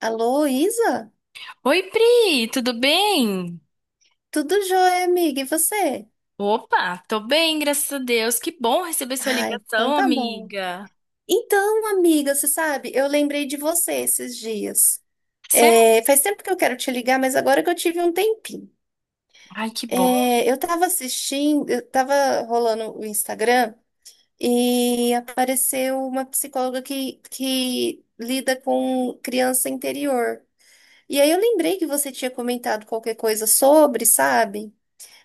Alô, Isa? Oi, Pri, tudo bem? Tudo jóia, amiga? E você? Opa, tô bem, graças a Deus. Que bom receber sua Ai, então ligação, tá bom. amiga. Então, amiga, você sabe, eu lembrei de você esses dias. Sério? É, faz tempo que eu quero te ligar, mas agora que eu tive um tempinho. Ai, que bom. Eu tava assistindo, eu tava rolando o Instagram e apareceu uma psicóloga que lida com criança interior. E aí eu lembrei que você tinha comentado qualquer coisa sobre, sabe?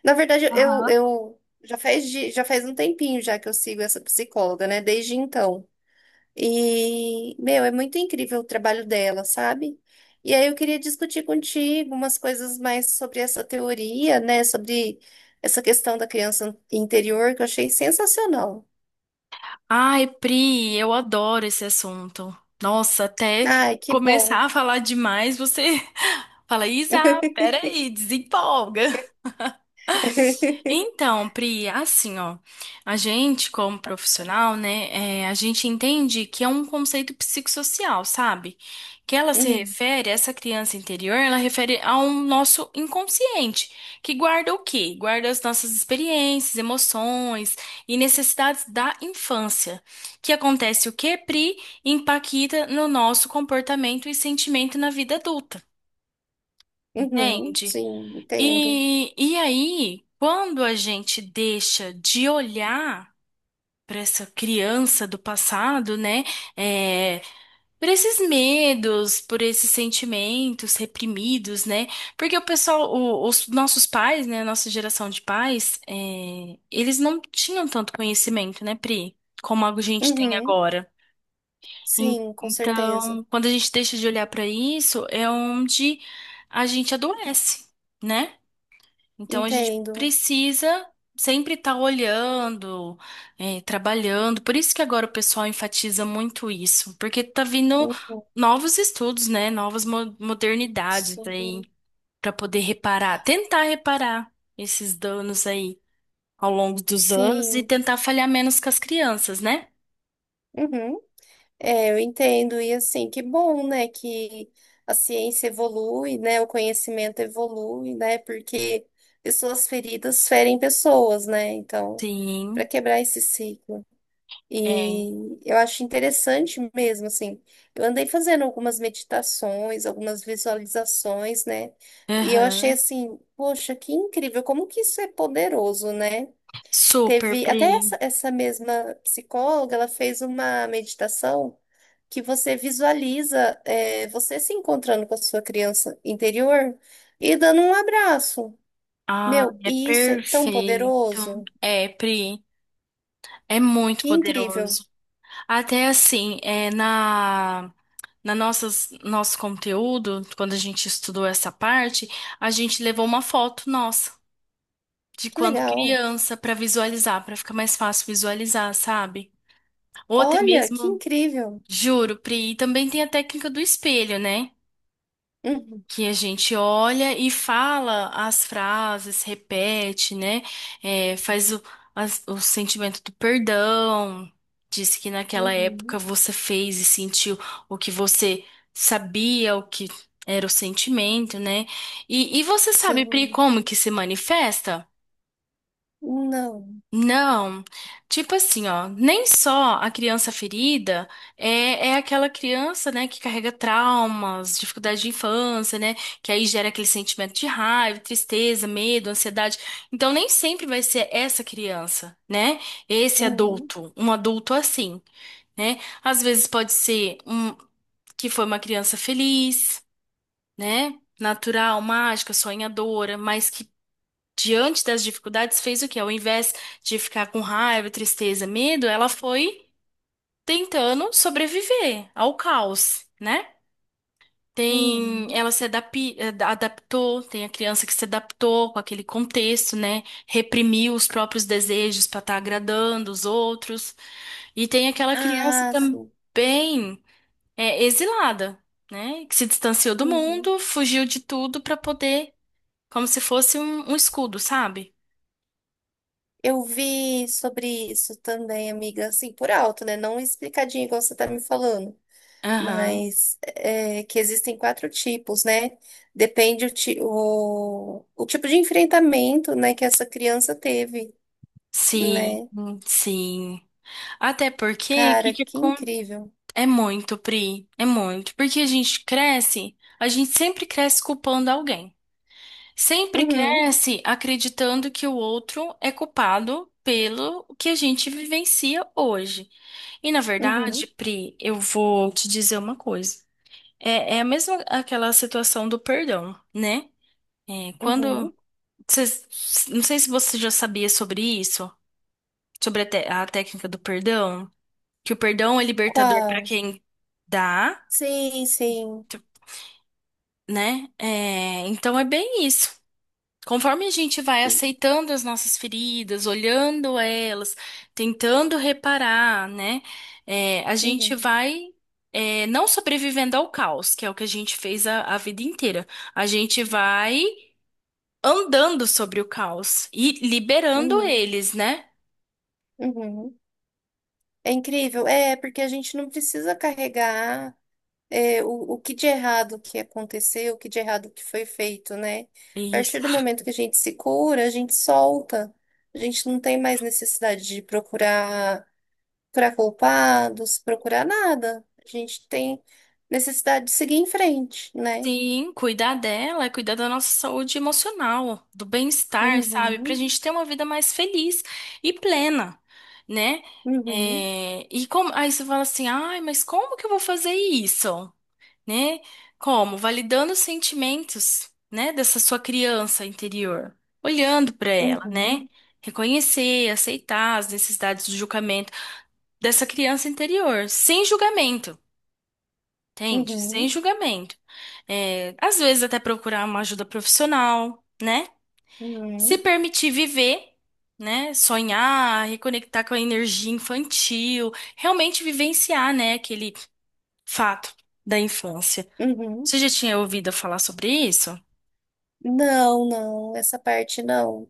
Na verdade, eu já faz, já faz um tempinho já que eu sigo essa psicóloga, né? Desde então. E, meu, é muito incrível o trabalho dela, sabe? E aí eu queria discutir contigo umas coisas mais sobre essa teoria, né? Sobre essa questão da criança interior que eu achei sensacional. Ai, Pri, eu adoro esse assunto. Nossa, até Ai, que começar bom. a falar demais, você fala, Isa, peraí, desempolga. Então, Pri, assim, ó, a gente, como profissional, né, a gente entende que é um conceito psicossocial, sabe? Que ela se Hum. refere, essa criança interior, ela refere ao nosso inconsciente, que guarda o quê? Guarda as nossas experiências, emoções e necessidades da infância. Que acontece o quê, Pri? Impacta no nosso comportamento e sentimento na vida adulta, Uhum, entende? sim, entendo. E aí, quando a gente deixa de olhar para essa criança do passado, né? É, por esses medos, por esses sentimentos reprimidos, né? Porque o pessoal, os nossos pais, né? A nossa geração de pais, eles não tinham tanto conhecimento, né, Pri? Como a gente tem Uhum, agora. En- sim, com certeza. Então, quando a gente deixa de olhar para isso, é onde a gente adoece, né? Então a gente Entendo. precisa sempre estar olhando, trabalhando. Por isso que agora o pessoal enfatiza muito isso, porque tá vindo Uhum, novos estudos, né? Novas modernidades sim. aí para poder reparar, tentar reparar esses danos aí ao longo dos anos e Sim, tentar falhar menos com as crianças, né? uhum. É, eu entendo. E assim, que bom, né, que a ciência evolui, né, o conhecimento evolui, né, porque pessoas feridas ferem pessoas, né, então, para Sim, quebrar esse ciclo. é. E eu acho interessante mesmo, assim, eu andei fazendo algumas meditações, algumas visualizações, né, e eu achei Aham. assim, poxa, que incrível, como que isso é poderoso, né? Super, Teve até Pri. essa mesma psicóloga, ela fez uma meditação que você visualiza você se encontrando com a sua criança interior e dando um abraço. Ah, Meu, é e isso é tão perfeito. poderoso. É, Pri, é muito Que incrível. poderoso. Até assim, na nosso conteúdo, quando a gente estudou essa parte, a gente levou uma foto nossa de Que quando legal. criança para visualizar, para ficar mais fácil visualizar, sabe? Ou até Olha, que mesmo, incrível. juro, Pri, e também tem a técnica do espelho, né? Uhum, Que a gente olha e fala as frases, repete, né? É, faz o, o sentimento do perdão, diz que naquela época uhum. você fez e sentiu o que você sabia, o que era o sentimento, né? E você sabe, Pri, Sim. como que se manifesta? Não. Não, tipo assim, ó, nem só a criança ferida é aquela criança, né, que carrega traumas, dificuldade de infância, né, que aí gera aquele sentimento de raiva, tristeza, medo, ansiedade. Então, nem sempre vai ser essa criança, né, esse Uhum, adulto, um adulto assim, né? Às vezes pode ser um que foi uma criança feliz, né, natural, mágica, sonhadora, mas que diante das dificuldades, fez o quê? Ao invés de ficar com raiva, tristeza, medo, ela foi tentando sobreviver ao caos, né? Tem, uhum. ela se adaptou, tem a criança que se adaptou com aquele contexto, né? Reprimiu os próprios desejos para estar agradando os outros. E tem aquela criança Ah, sim. também exilada, né? Que se distanciou do Uhum. mundo, fugiu de tudo para poder, como se fosse um escudo, sabe? Eu vi sobre isso também, amiga, assim, por alto, né? Não explicadinho igual você tá me falando, Aham. mas é, que existem quatro tipos, né? Depende o, o tipo de enfrentamento, né, que essa criança teve, Sim, né? sim. Até porque o que Cara, que que incrível. é muito, Pri, é muito. Porque a gente cresce, a gente sempre cresce culpando alguém. Sempre Uhum, cresce acreditando que o outro é culpado pelo que a gente vivencia hoje. E na verdade, uhum, Pri, eu vou te dizer uma coisa. É a mesma aquela situação do perdão, né? É, quando uhum. cês- não sei se você já sabia sobre isso, sobre a a técnica do perdão. Que o perdão é libertador para Qual? quem dá, Sim, sim. tu- né? É, então é bem isso. Conforme a gente vai aceitando as nossas feridas, olhando elas, tentando reparar, né? A gente Uhum, vai não sobrevivendo ao caos, que é o que a gente fez a vida inteira. A gente vai andando sobre o caos e liberando uhum, eles, né? uhum. É incrível, é, porque a gente não precisa carregar. É, o que de errado que aconteceu, o que de errado que foi feito, né? A partir do Isso. momento que a gente se cura, a gente solta. A gente não tem mais necessidade de procurar, procurar culpados, procurar nada. A gente tem necessidade de seguir em frente, né? Sim, cuidar dela é cuidar da nossa saúde emocional, do bem-estar, sabe? Pra Uhum, gente ter uma vida mais feliz e plena, né? uhum, Aí você fala assim, ai, mas como que eu vou fazer isso? Né? Como? Validando os sentimentos, né, dessa sua criança interior, olhando pra ela, né? uhum, Reconhecer, aceitar as necessidades de julgamento dessa criança interior, sem julgamento. Entende? Sem uhum, julgamento. É, às vezes até procurar uma ajuda profissional, né? Se uhum, permitir viver, né? Sonhar, reconectar com a energia infantil, realmente vivenciar, né, aquele fato da infância. uhum. Você já tinha ouvido falar sobre isso? Não, não, essa parte não.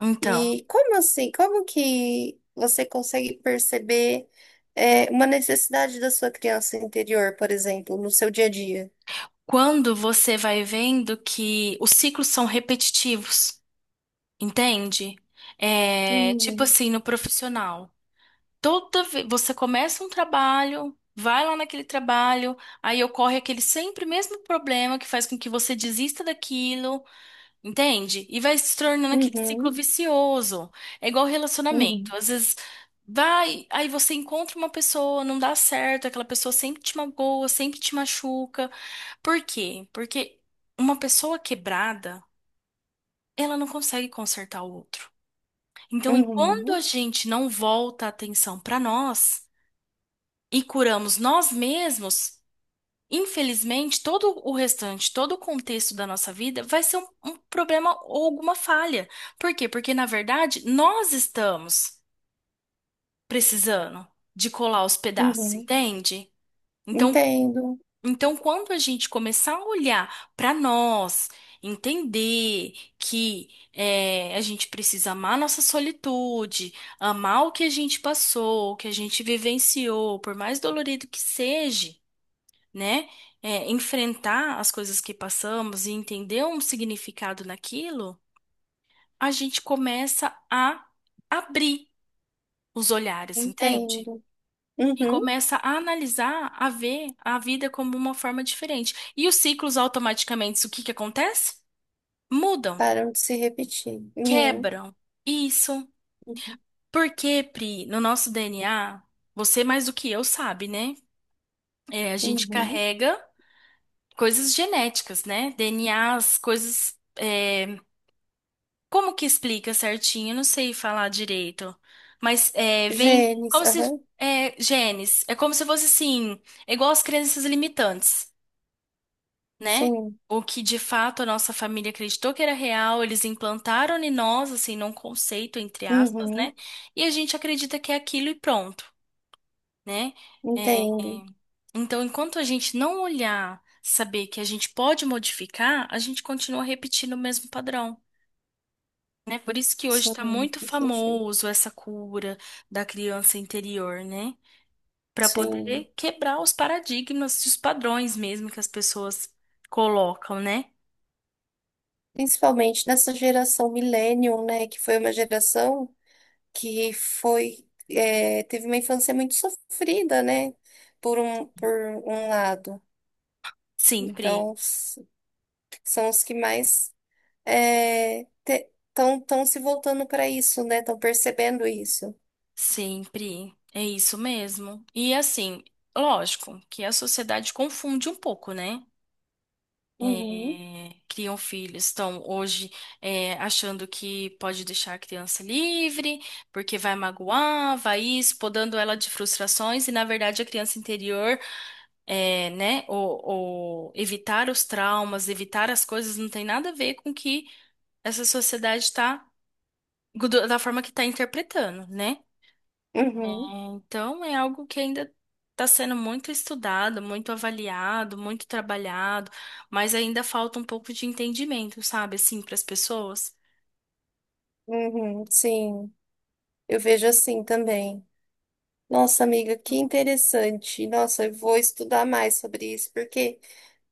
Então, E como assim? Como que você consegue perceber uma necessidade da sua criança interior, por exemplo, no seu dia a dia? quando você vai vendo que os ciclos são repetitivos, entende? É, tipo Uhum, assim, no profissional. Toda vez você começa um trabalho, vai lá naquele trabalho, aí ocorre aquele sempre mesmo problema que faz com que você desista daquilo, entende? E vai se tornando aquele ciclo uhum, vicioso. É igual relacionamento. uhum, Às vezes vai, aí você encontra uma pessoa, não dá certo, aquela pessoa sempre te magoa, sempre te machuca. Por quê? Porque uma pessoa quebrada, ela não consegue consertar o outro. Então, enquanto uhum, a gente não volta a atenção para nós, e curamos nós mesmos, infelizmente, todo o restante, todo o contexto da nossa vida vai ser um problema ou alguma falha. Por quê? Porque, na verdade, nós estamos precisando de colar os pedaços, uhum. entende? Então, Entendo, então quando a gente começar a olhar para nós, entender que a gente precisa amar a nossa solitude, amar o que a gente passou, o que a gente vivenciou, por mais dolorido que seja, né? É, enfrentar as coisas que passamos e entender um significado naquilo, a gente começa a abrir os olhares, entende? entendo. E Uhum. começa a analisar, a ver a vida como uma forma diferente. E os ciclos automaticamente, o que que acontece? Mudam, Param de se repetir. Uhum, quebram. Isso. uhum, Porque, Pri, no nosso DNA, você mais do que eu sabe, né? É, a gente uhum. carrega coisas genéticas, né? DNAs, coisas como que explica certinho? Eu não sei falar direito. Mas é, vem Genes, como se. aham. É, genes. É como se fosse assim. É igual as crenças limitantes, né? Sim. O que de fato a nossa família acreditou que era real, eles implantaram em nós, assim, num conceito, entre aspas, né? Uhum. E a gente acredita que é aquilo e pronto, né? É, Entendo. então, enquanto a gente não olhar, saber que a gente pode modificar, a gente continua repetindo o mesmo padrão. Né? Por isso que hoje está Sim, muito faz sentido. famoso essa cura da criança interior, né? Para Sim. poder quebrar os paradigmas e os padrões mesmo que as pessoas colocam, né? Principalmente nessa geração millennium, né, que foi uma geração que foi teve uma infância muito sofrida, né? Por um lado. Sempre, Então, são os que mais estão tão se voltando para isso, né? Estão percebendo isso. sempre. É isso mesmo. E assim, lógico que a sociedade confunde um pouco, né? Uhum, É, criam filhos, estão hoje é, achando que pode deixar a criança livre, porque vai magoar, vai isso, podando ela de frustrações, e na verdade a criança interior, é, né, ou, ou evitar os traumas, evitar as coisas, não tem nada a ver com o que essa sociedade está, da forma que está interpretando, né? É, uhum, então é algo que ainda está sendo muito estudado, muito avaliado, muito trabalhado, mas ainda falta um pouco de entendimento, sabe, assim, para as pessoas. uhum, sim, eu vejo assim também. Nossa, amiga, que interessante. Nossa, eu vou estudar mais sobre isso, porque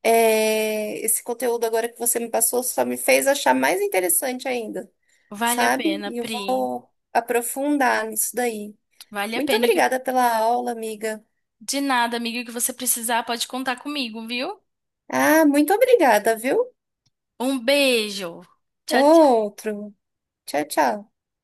esse conteúdo agora que você me passou só me fez achar mais interessante ainda. Vale a Sabe? pena, E eu Pri. vou aprofundar nisso daí. Vale a Muito pena. E que- obrigada pela aula, amiga. De nada, amiga, o que você precisar, pode contar comigo, viu? Ah, muito obrigada, viu? Um beijo. Tchau, Outro. Tchau, tchau.